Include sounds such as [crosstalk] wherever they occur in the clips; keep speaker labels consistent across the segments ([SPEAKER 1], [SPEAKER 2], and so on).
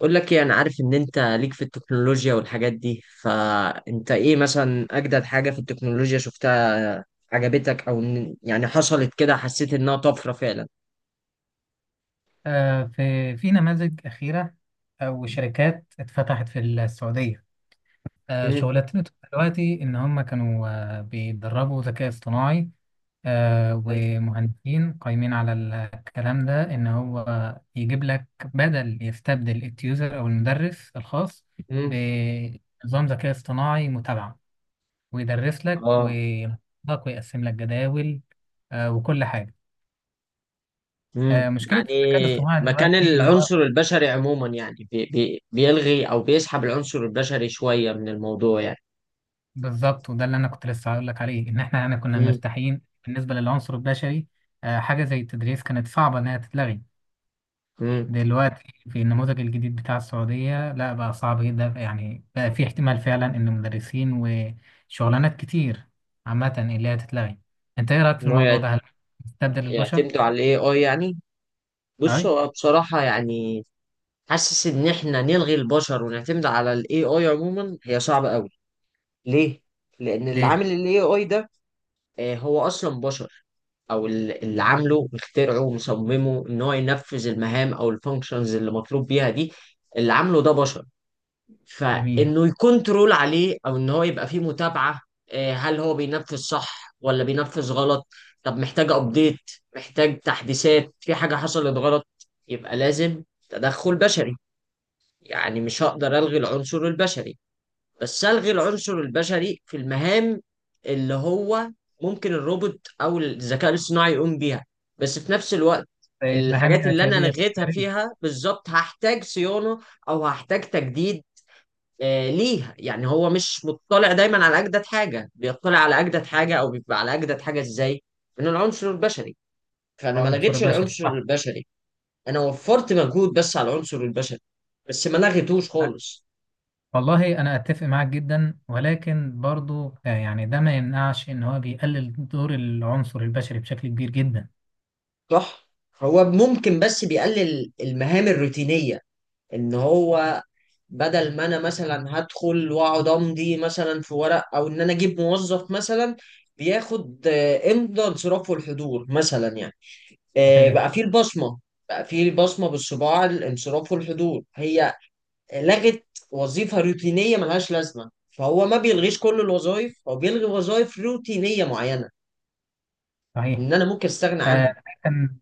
[SPEAKER 1] اقول لك ايه؟ انا عارف ان انت ليك في التكنولوجيا والحاجات دي، فانت ايه مثلا اجدد حاجة في التكنولوجيا شفتها عجبتك او يعني حصلت كده حسيت انها طفرة فعلا؟
[SPEAKER 2] في نماذج أخيرة أو شركات اتفتحت في السعودية.
[SPEAKER 1] امم.
[SPEAKER 2] شغلتنا دلوقتي إن هم كانوا بيدربوا ذكاء اصطناعي
[SPEAKER 1] ايوه.
[SPEAKER 2] ومهندسين قايمين على الكلام ده إن هو يجيب لك، بدل يستبدل التيوزر أو المدرس الخاص،
[SPEAKER 1] امم.
[SPEAKER 2] بنظام ذكاء اصطناعي متابعة، ويدرس لك
[SPEAKER 1] اه.
[SPEAKER 2] وينظم لك ويقسم لك جداول وكل حاجة.
[SPEAKER 1] امم.
[SPEAKER 2] مشكلة
[SPEAKER 1] يعني
[SPEAKER 2] الذكاء الاصطناعي
[SPEAKER 1] مكان
[SPEAKER 2] دلوقتي إن هو
[SPEAKER 1] العنصر البشري عموما، يعني بي بي بيلغي او بيسحب العنصر البشري شوية من الموضوع يعني.
[SPEAKER 2] بالظبط، وده اللي انا كنت لسه هقول لك عليه، ان احنا يعني كنا
[SPEAKER 1] امم.
[SPEAKER 2] مرتاحين بالنسبه للعنصر البشري. حاجه زي التدريس كانت صعبه انها تتلغي
[SPEAKER 1] امم.
[SPEAKER 2] دلوقتي. في النموذج الجديد بتاع السعوديه لا، بقى صعب جدا، يعني بقى في احتمال فعلا ان مدرسين وشغلانات كتير عامه اللي هي تتلغي. انت ايه رايك في
[SPEAKER 1] ان هو
[SPEAKER 2] الموضوع ده؟ هل تستبدل البشر؟
[SPEAKER 1] يعتمدوا على الاي اي يعني.
[SPEAKER 2] اي.
[SPEAKER 1] بص، هو بصراحة يعني حاسس ان احنا نلغي البشر ونعتمد على الاي اي عموما هي صعبة قوي. ليه؟ لان اللي
[SPEAKER 2] ليه؟
[SPEAKER 1] عامل الاي اي ده، هو اصلا بشر. او اللي عامله مخترعه ومصممه ان هو ينفذ المهام او الفانكشنز اللي مطلوب بيها دي، اللي عامله ده بشر.
[SPEAKER 2] جميل.
[SPEAKER 1] فانه يكون ترول عليه او ان هو يبقى فيه متابعة، هل هو بينفذ صح ولا بينفذ غلط؟ طب محتاج ابديت، محتاج تحديثات في حاجة حصلت غلط، يبقى لازم تدخل بشري. يعني مش هقدر ألغي العنصر البشري، بس ألغي العنصر البشري في المهام اللي هو ممكن الروبوت أو الذكاء الاصطناعي يقوم بيها. بس في نفس الوقت،
[SPEAKER 2] زي المهام
[SPEAKER 1] الحاجات اللي أنا
[SPEAKER 2] الاتياديه
[SPEAKER 1] لغيتها
[SPEAKER 2] التكراريه.
[SPEAKER 1] فيها بالظبط هحتاج صيانة أو هحتاج تجديد ليها. يعني هو مش مطلع دايما على أجدد حاجة. بيطلع على أجدد حاجة أو بيبقى على أجدد حاجة إزاي؟ من العنصر البشري. فأنا ما
[SPEAKER 2] العنصر
[SPEAKER 1] لغيتش
[SPEAKER 2] البشري
[SPEAKER 1] العنصر
[SPEAKER 2] صح.
[SPEAKER 1] البشري، أنا وفرت مجهود بس على العنصر البشري بس ما لغيتوش خالص.
[SPEAKER 2] والله أنا أتفق معاك جدا، ولكن برضو يعني ده ما يمنعش إن هو بيقلل دور العنصر البشري بشكل كبير جدا.
[SPEAKER 1] صح. هو ممكن بس بيقلل المهام الروتينية، ان هو بدل ما انا مثلا هدخل واقعد امضي مثلا في ورق او ان انا اجيب موظف مثلا بياخد امضى انصراف والحضور مثلا يعني.
[SPEAKER 2] صحيح.
[SPEAKER 1] بقى فيه البصمة. بقى فيه البصمة بالصباع، الانصراف والحضور، هي لغت وظيفة روتينية ملهاش لازمة. فهو ما بيلغيش كل الوظائف، هو بيلغي وظائف روتينية معينة
[SPEAKER 2] صحيح.
[SPEAKER 1] ان انا ممكن استغنى
[SPEAKER 2] آه،
[SPEAKER 1] عنها.
[SPEAKER 2] ده كان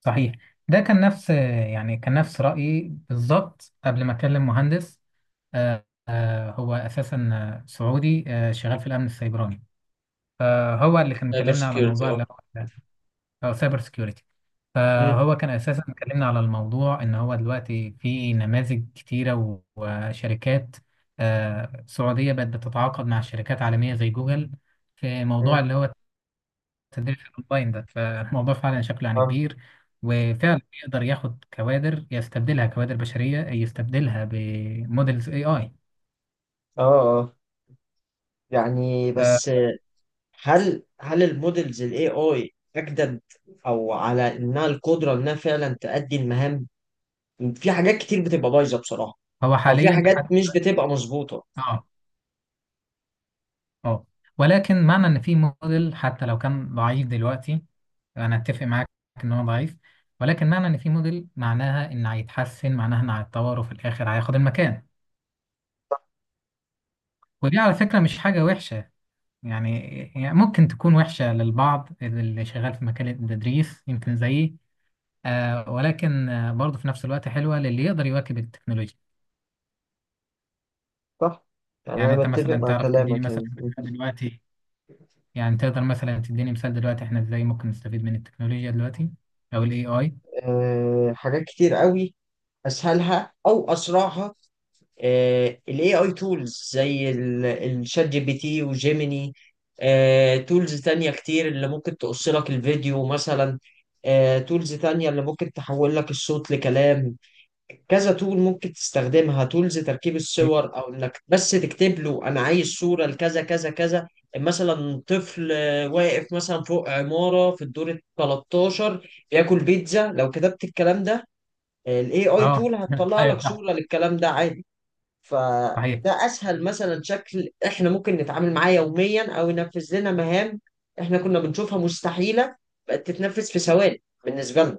[SPEAKER 2] صحيح. ده كان نفس يعني كان نفس رأيي بالظبط قبل ما أكلم مهندس. هو أساسا سعودي شغال في الأمن السيبراني. فهو اللي كان
[SPEAKER 1] سايبر
[SPEAKER 2] مكلمنا على موضوع
[SPEAKER 1] سكيورتي.
[SPEAKER 2] اللي هو او سايبر سكيورتي. فهو كان اساسا اتكلمنا على الموضوع، ان هو دلوقتي في نماذج كتيره وشركات سعوديه بقت بتتعاقد مع شركات عالميه زي جوجل في موضوع اللي هو التدريب الاونلاين ده. فالموضوع فعلا شكله يعني
[SPEAKER 1] اه.
[SPEAKER 2] كبير، وفعلا يقدر ياخد كوادر، يستبدلها كوادر بشريه، يستبدلها بموديلز اي اي.
[SPEAKER 1] اه. اه. يعني
[SPEAKER 2] فهو
[SPEAKER 1] بس، هل المودلز الاي اي اجدد او على انها القدره انها فعلا تأدي المهام؟ في حاجات كتير بتبقى بايظه بصراحه، او في
[SPEAKER 2] حاليا
[SPEAKER 1] حاجات
[SPEAKER 2] حتى،
[SPEAKER 1] مش بتبقى مظبوطه.
[SPEAKER 2] اه، اه، ولكن معنى ان في موديل، حتى لو كان ضعيف دلوقتي، انا اتفق معاك ان هو ضعيف، ولكن معنى ان في موديل معناها ان هيتحسن، معناها ان هيتطور، وفي الاخر هياخد المكان. ودي على فكره مش حاجه وحشه، يعني، ممكن تكون وحشه للبعض اللي شغال في مكان التدريس يمكن زيي. ولكن برضه في نفس الوقت حلوه للي يقدر يواكب التكنولوجيا.
[SPEAKER 1] صح. يعني انا
[SPEAKER 2] يعني انت
[SPEAKER 1] متفق
[SPEAKER 2] مثلا
[SPEAKER 1] مع
[SPEAKER 2] تعرف تديني
[SPEAKER 1] كلامك
[SPEAKER 2] مثلا
[SPEAKER 1] يعني.
[SPEAKER 2] دلوقتي، يعني تقدر مثلا تديني مثال دلوقتي احنا ازاي ممكن نستفيد من التكنولوجيا دلوقتي او الاي اي؟
[SPEAKER 1] حاجات كتير قوي. اسهلها او اسرعها ال AI tools زي الشات جي بي تي وجيميني. تولز تانية كتير اللي ممكن تقص لك الفيديو مثلا. تولز تانية اللي ممكن تحول لك الصوت لكلام. كذا تول ممكن تستخدمها، تولز تركيب الصور، او انك بس تكتب له انا عايز صورة لكذا كذا كذا. مثلا طفل واقف مثلا فوق عمارة في الدور ال 13 بياكل بيتزا، لو كتبت الكلام ده الاي اي
[SPEAKER 2] اه
[SPEAKER 1] تول
[SPEAKER 2] [laughs]
[SPEAKER 1] هتطلع لك
[SPEAKER 2] ايوه صح.
[SPEAKER 1] صورة للكلام ده عادي.
[SPEAKER 2] صحيح.
[SPEAKER 1] فده اسهل مثلا شكل احنا ممكن نتعامل معاه يوميا او ينفذ لنا مهام. احنا كنا بنشوفها مستحيله، بقت تتنفذ في ثواني بالنسبه لنا.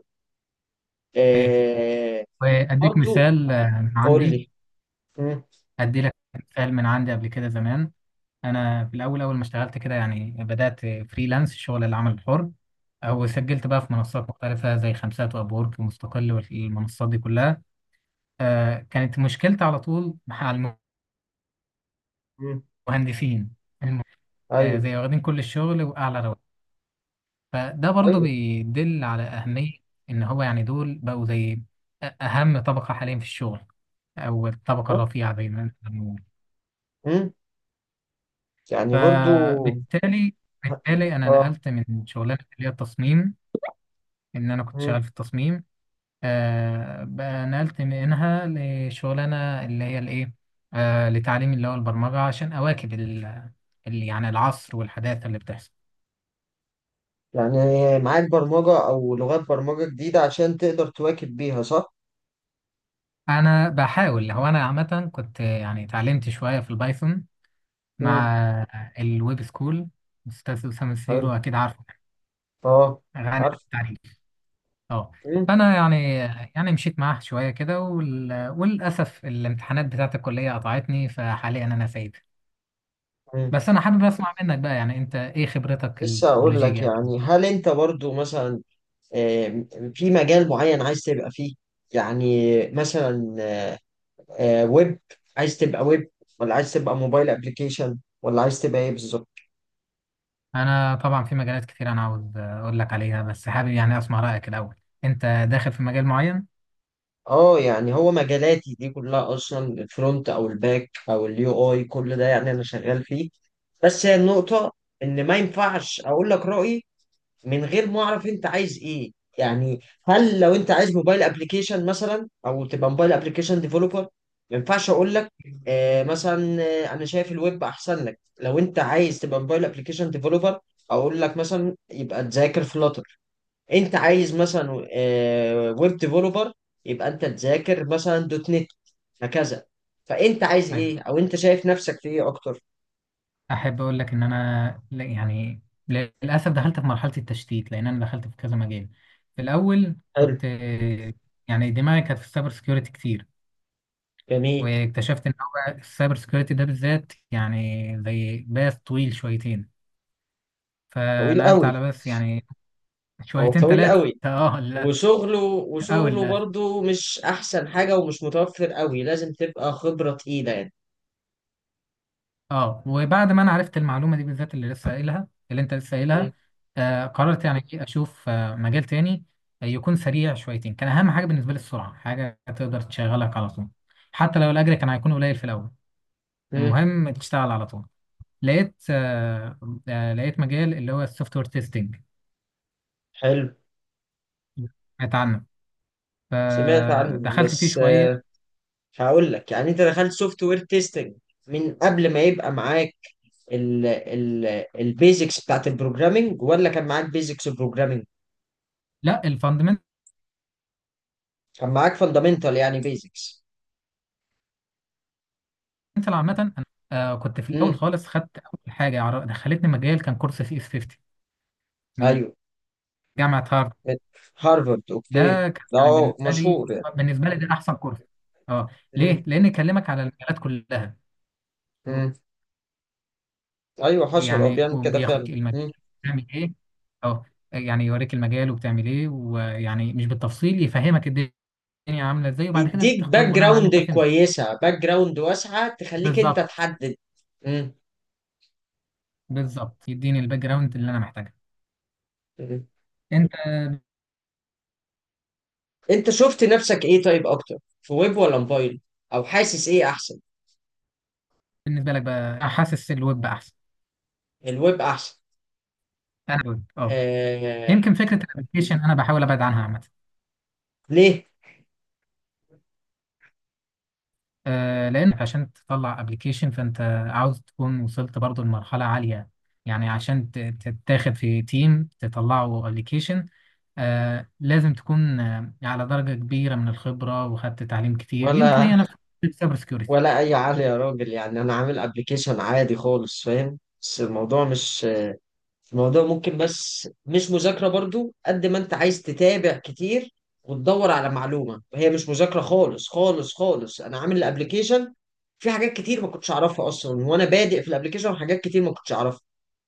[SPEAKER 2] صحيح.
[SPEAKER 1] آه.
[SPEAKER 2] وأديك
[SPEAKER 1] برضو.
[SPEAKER 2] مثال من
[SPEAKER 1] قول
[SPEAKER 2] عندي.
[SPEAKER 1] لي. مم.
[SPEAKER 2] أدي لك مثال من عندي قبل كده زمان. أنا في الأول، أول ما اشتغلت كده يعني، بدأت فريلانس شغل العمل الحر، أو سجلت بقى في منصات مختلفة زي خمسات وأبورك ومستقل والمنصات دي كلها. كانت مشكلتي على طول مع
[SPEAKER 1] مم.
[SPEAKER 2] المهندسين. الم-
[SPEAKER 1] ايوه.
[SPEAKER 2] زي واخدين كل الشغل وأعلى رواتب. فده برضه
[SPEAKER 1] ايوه.
[SPEAKER 2] بيدل على أهمية إن هو، يعني دول بقوا زي أهم طبقة حاليا في الشغل، أو الطبقة الرفيعة دايما.
[SPEAKER 1] مم. يعني برضو.
[SPEAKER 2] فبالتالي، انا
[SPEAKER 1] اه.
[SPEAKER 2] نقلت من شغلانه اللي هي التصميم، ان انا كنت
[SPEAKER 1] مم.
[SPEAKER 2] شغال في التصميم بقى، نقلت منها لشغلانه اللي هي الايه، لتعليم اللي هو البرمجه، عشان اواكب يعني العصر والحداثه اللي بتحصل.
[SPEAKER 1] يعني معاك برمجه او لغات برمجه جديده عشان تقدر تواكب بيها صح؟
[SPEAKER 2] انا بحاول، هو انا عامه كنت يعني اتعلمت شويه في البايثون
[SPEAKER 1] مم.
[SPEAKER 2] مع الويب سكول. استاذ اسامه سيرو
[SPEAKER 1] حلو.
[SPEAKER 2] اكيد عارفه،
[SPEAKER 1] اه.
[SPEAKER 2] غني عن
[SPEAKER 1] عارف.
[SPEAKER 2] التعريف. اه.
[SPEAKER 1] مم.
[SPEAKER 2] فانا يعني، يعني مشيت معاه شويه كده وللاسف الامتحانات بتاعت الكليه قطعتني، فحاليا انا سايب.
[SPEAKER 1] مم.
[SPEAKER 2] بس انا حابب اسمع منك بقى، يعني انت ايه خبرتك
[SPEAKER 1] لسه اقول لك.
[SPEAKER 2] التكنولوجيه او كده؟
[SPEAKER 1] يعني هل انت برضو مثلا آه، في مجال معين عايز تبقى فيه؟ يعني مثلا ويب، عايز تبقى ويب ولا عايز تبقى موبايل ابلكيشن ولا عايز تبقى ايه بالظبط؟
[SPEAKER 2] انا طبعا في مجالات كتير انا عاوز اقول لك عليها، بس حابب يعني اسمع رايك الاول. انت داخل في مجال معين؟
[SPEAKER 1] اه، يعني هو مجالاتي دي كلها اصلا، الفرونت او الباك او اليو اي، كل ده يعني انا شغال فيه. بس هي النقطة ان ما ينفعش اقول لك رأيي من غير ما اعرف انت عايز ايه. يعني هل لو انت عايز موبايل ابلكيشن مثلا او تبقى موبايل ابلكيشن ديفلوبر، ما ينفعش اقول لك مثلا انا شايف الويب احسن لك. لو انت عايز تبقى موبايل ابلكيشن ديفلوبر، اقول لك مثلا يبقى تذاكر فلاتر. انت عايز مثلا ويب ديفلوبر، يبقى انت تذاكر مثلا دوت نت. هكذا. فانت عايز
[SPEAKER 2] أيوة.
[SPEAKER 1] ايه او انت شايف نفسك في ايه اكتر؟
[SPEAKER 2] احب اقول لك ان انا يعني للاسف دخلت في مرحله التشتيت، لان انا دخلت في كذا مجال. في الاول
[SPEAKER 1] حلو.
[SPEAKER 2] كنت، يعني دماغي كانت في السايبر سكيورتي كتير،
[SPEAKER 1] جميل.
[SPEAKER 2] واكتشفت ان هو السايبر سكيورتي ده بالذات يعني زي باث طويل شويتين.
[SPEAKER 1] طويل
[SPEAKER 2] فنقلت
[SPEAKER 1] قوي.
[SPEAKER 2] على باث يعني
[SPEAKER 1] او
[SPEAKER 2] شويتين
[SPEAKER 1] طويل
[SPEAKER 2] ثلاثه،
[SPEAKER 1] قوي،
[SPEAKER 2] اه للاسف،
[SPEAKER 1] وشغله
[SPEAKER 2] او
[SPEAKER 1] وشغله
[SPEAKER 2] للاسف.
[SPEAKER 1] برضه مش احسن حاجة ومش متوفر قوي، لازم تبقى خبرة تقيلة يعني.
[SPEAKER 2] اه وبعد ما انا عرفت المعلومه دي بالذات، اللي لسه قايلها، اللي انت لسه
[SPEAKER 1] مم.
[SPEAKER 2] قايلها، قررت يعني إيه، اشوف مجال تاني يكون سريع شويتين. كان اهم حاجه بالنسبه لي السرعه، حاجه تقدر تشغلك على طول، حتى لو الاجر كان هيكون قليل في الاول،
[SPEAKER 1] مم.
[SPEAKER 2] المهم تشتغل على طول. لقيت لقيت مجال اللي هو السوفت وير تيستنج.
[SPEAKER 1] حلو.
[SPEAKER 2] سمعت عنه،
[SPEAKER 1] سمعت عنه
[SPEAKER 2] فدخلت فيه
[SPEAKER 1] بس
[SPEAKER 2] شويه.
[SPEAKER 1] هقول لك يعني، انت دخلت سوفت وير تيستنج من قبل ما يبقى معاك ال ال البيزكس بتاعت البروجرامينج ولا كان معاك بيزكس بروجرامينج؟
[SPEAKER 2] لا، الفاندمنتال.
[SPEAKER 1] كان معاك فاندامنتال يعني بيزكس.
[SPEAKER 2] عامه انا كنت في الاول
[SPEAKER 1] امم.
[SPEAKER 2] خالص، خدت اول حاجه دخلتني مجال، كان كورس سي اس 50 من
[SPEAKER 1] ايوه.
[SPEAKER 2] جامعه هارفارد.
[SPEAKER 1] هارفارد. اوكي.
[SPEAKER 2] ده كان
[SPEAKER 1] ده
[SPEAKER 2] يعني
[SPEAKER 1] هو
[SPEAKER 2] بالنسبه لي،
[SPEAKER 1] مشهور يعني.
[SPEAKER 2] بالنسبه لي ده احسن كورس. اه. ليه؟ لان يكلمك على المجالات كلها و-
[SPEAKER 1] امم. ايوه حصل، هو
[SPEAKER 2] ويعني
[SPEAKER 1] بيعمل كده فعلا.
[SPEAKER 2] وبياخدك المجال بتعمل ايه. اه، يعني يوريك المجال وبتعمل ايه، ويعني مش بالتفصيل يفهمك الدنيا عامله ازاي، وبعد كده انت
[SPEAKER 1] يديك
[SPEAKER 2] بتختار
[SPEAKER 1] باك
[SPEAKER 2] بناء على اللي انت
[SPEAKER 1] جراوند
[SPEAKER 2] فهمته.
[SPEAKER 1] كويسة، باك جراوند واسعة تخليك انت
[SPEAKER 2] بالظبط.
[SPEAKER 1] تحدد. مم.
[SPEAKER 2] بالظبط، يديني الباك جراوند اللي انا محتاجها.
[SPEAKER 1] مم.
[SPEAKER 2] انت،
[SPEAKER 1] انت شفت نفسك ايه طيب اكتر، في ويب ولا موبايل؟ او حاسس ايه احسن؟
[SPEAKER 2] بالنسبه لك بقى حاسس الويب بقى احسن؟
[SPEAKER 1] الويب احسن.
[SPEAKER 2] انا الويب اه.
[SPEAKER 1] آه...
[SPEAKER 2] يمكن فكره الابلكيشن انا بحاول ابعد عنها عامه.
[SPEAKER 1] ليه؟
[SPEAKER 2] لان عشان تطلع ابلكيشن فانت عاوز تكون وصلت برضو لمرحله عاليه، يعني عشان تتاخد في تيم تطلعوا ابلكيشن لازم تكون على درجه كبيره من الخبره وخدت تعليم كتير، يمكن
[SPEAKER 1] ولا
[SPEAKER 2] هي نفس السايبر سكيورتي.
[SPEAKER 1] ولا اي عالي يا راجل، يعني انا عامل ابلكيشن عادي خالص فاهم، بس الموضوع مش، الموضوع ممكن بس مش مذاكرة برضو قد ما انت عايز تتابع كتير وتدور على معلومة، هي مش مذاكرة خالص خالص خالص. انا عامل الابليكيشن، في حاجات كتير ما كنتش اعرفها اصلا وانا بادئ في الابليكيشن، حاجات كتير ما كنتش اعرفها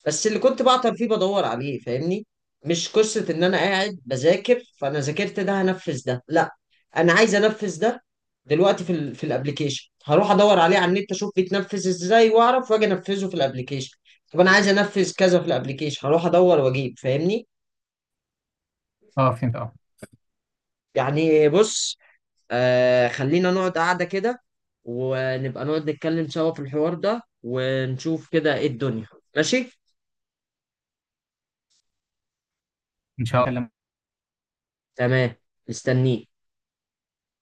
[SPEAKER 1] بس اللي كنت بعطل فيه بدور عليه، فاهمني؟ مش قصة ان انا قاعد بذاكر، فانا ذاكرت ده هنفذ ده، لا. انا عايز انفذ ده دلوقتي في ال في الابليكيشن، هروح ادور عليه على النت اشوف بيتنفذ ازاي واعرف واجي انفذه في الابليكيشن. طب انا عايز انفذ كذا في الابليكيشن، هروح ادور واجيب، فاهمني؟
[SPEAKER 2] اه فهمت. اه.
[SPEAKER 1] يعني بص، خلينا نقعد قعده كده ونبقى نقعد نتكلم سوا في الحوار ده ونشوف كده ايه الدنيا. ماشي.
[SPEAKER 2] ان شاء الله.
[SPEAKER 1] تمام. مستنيك.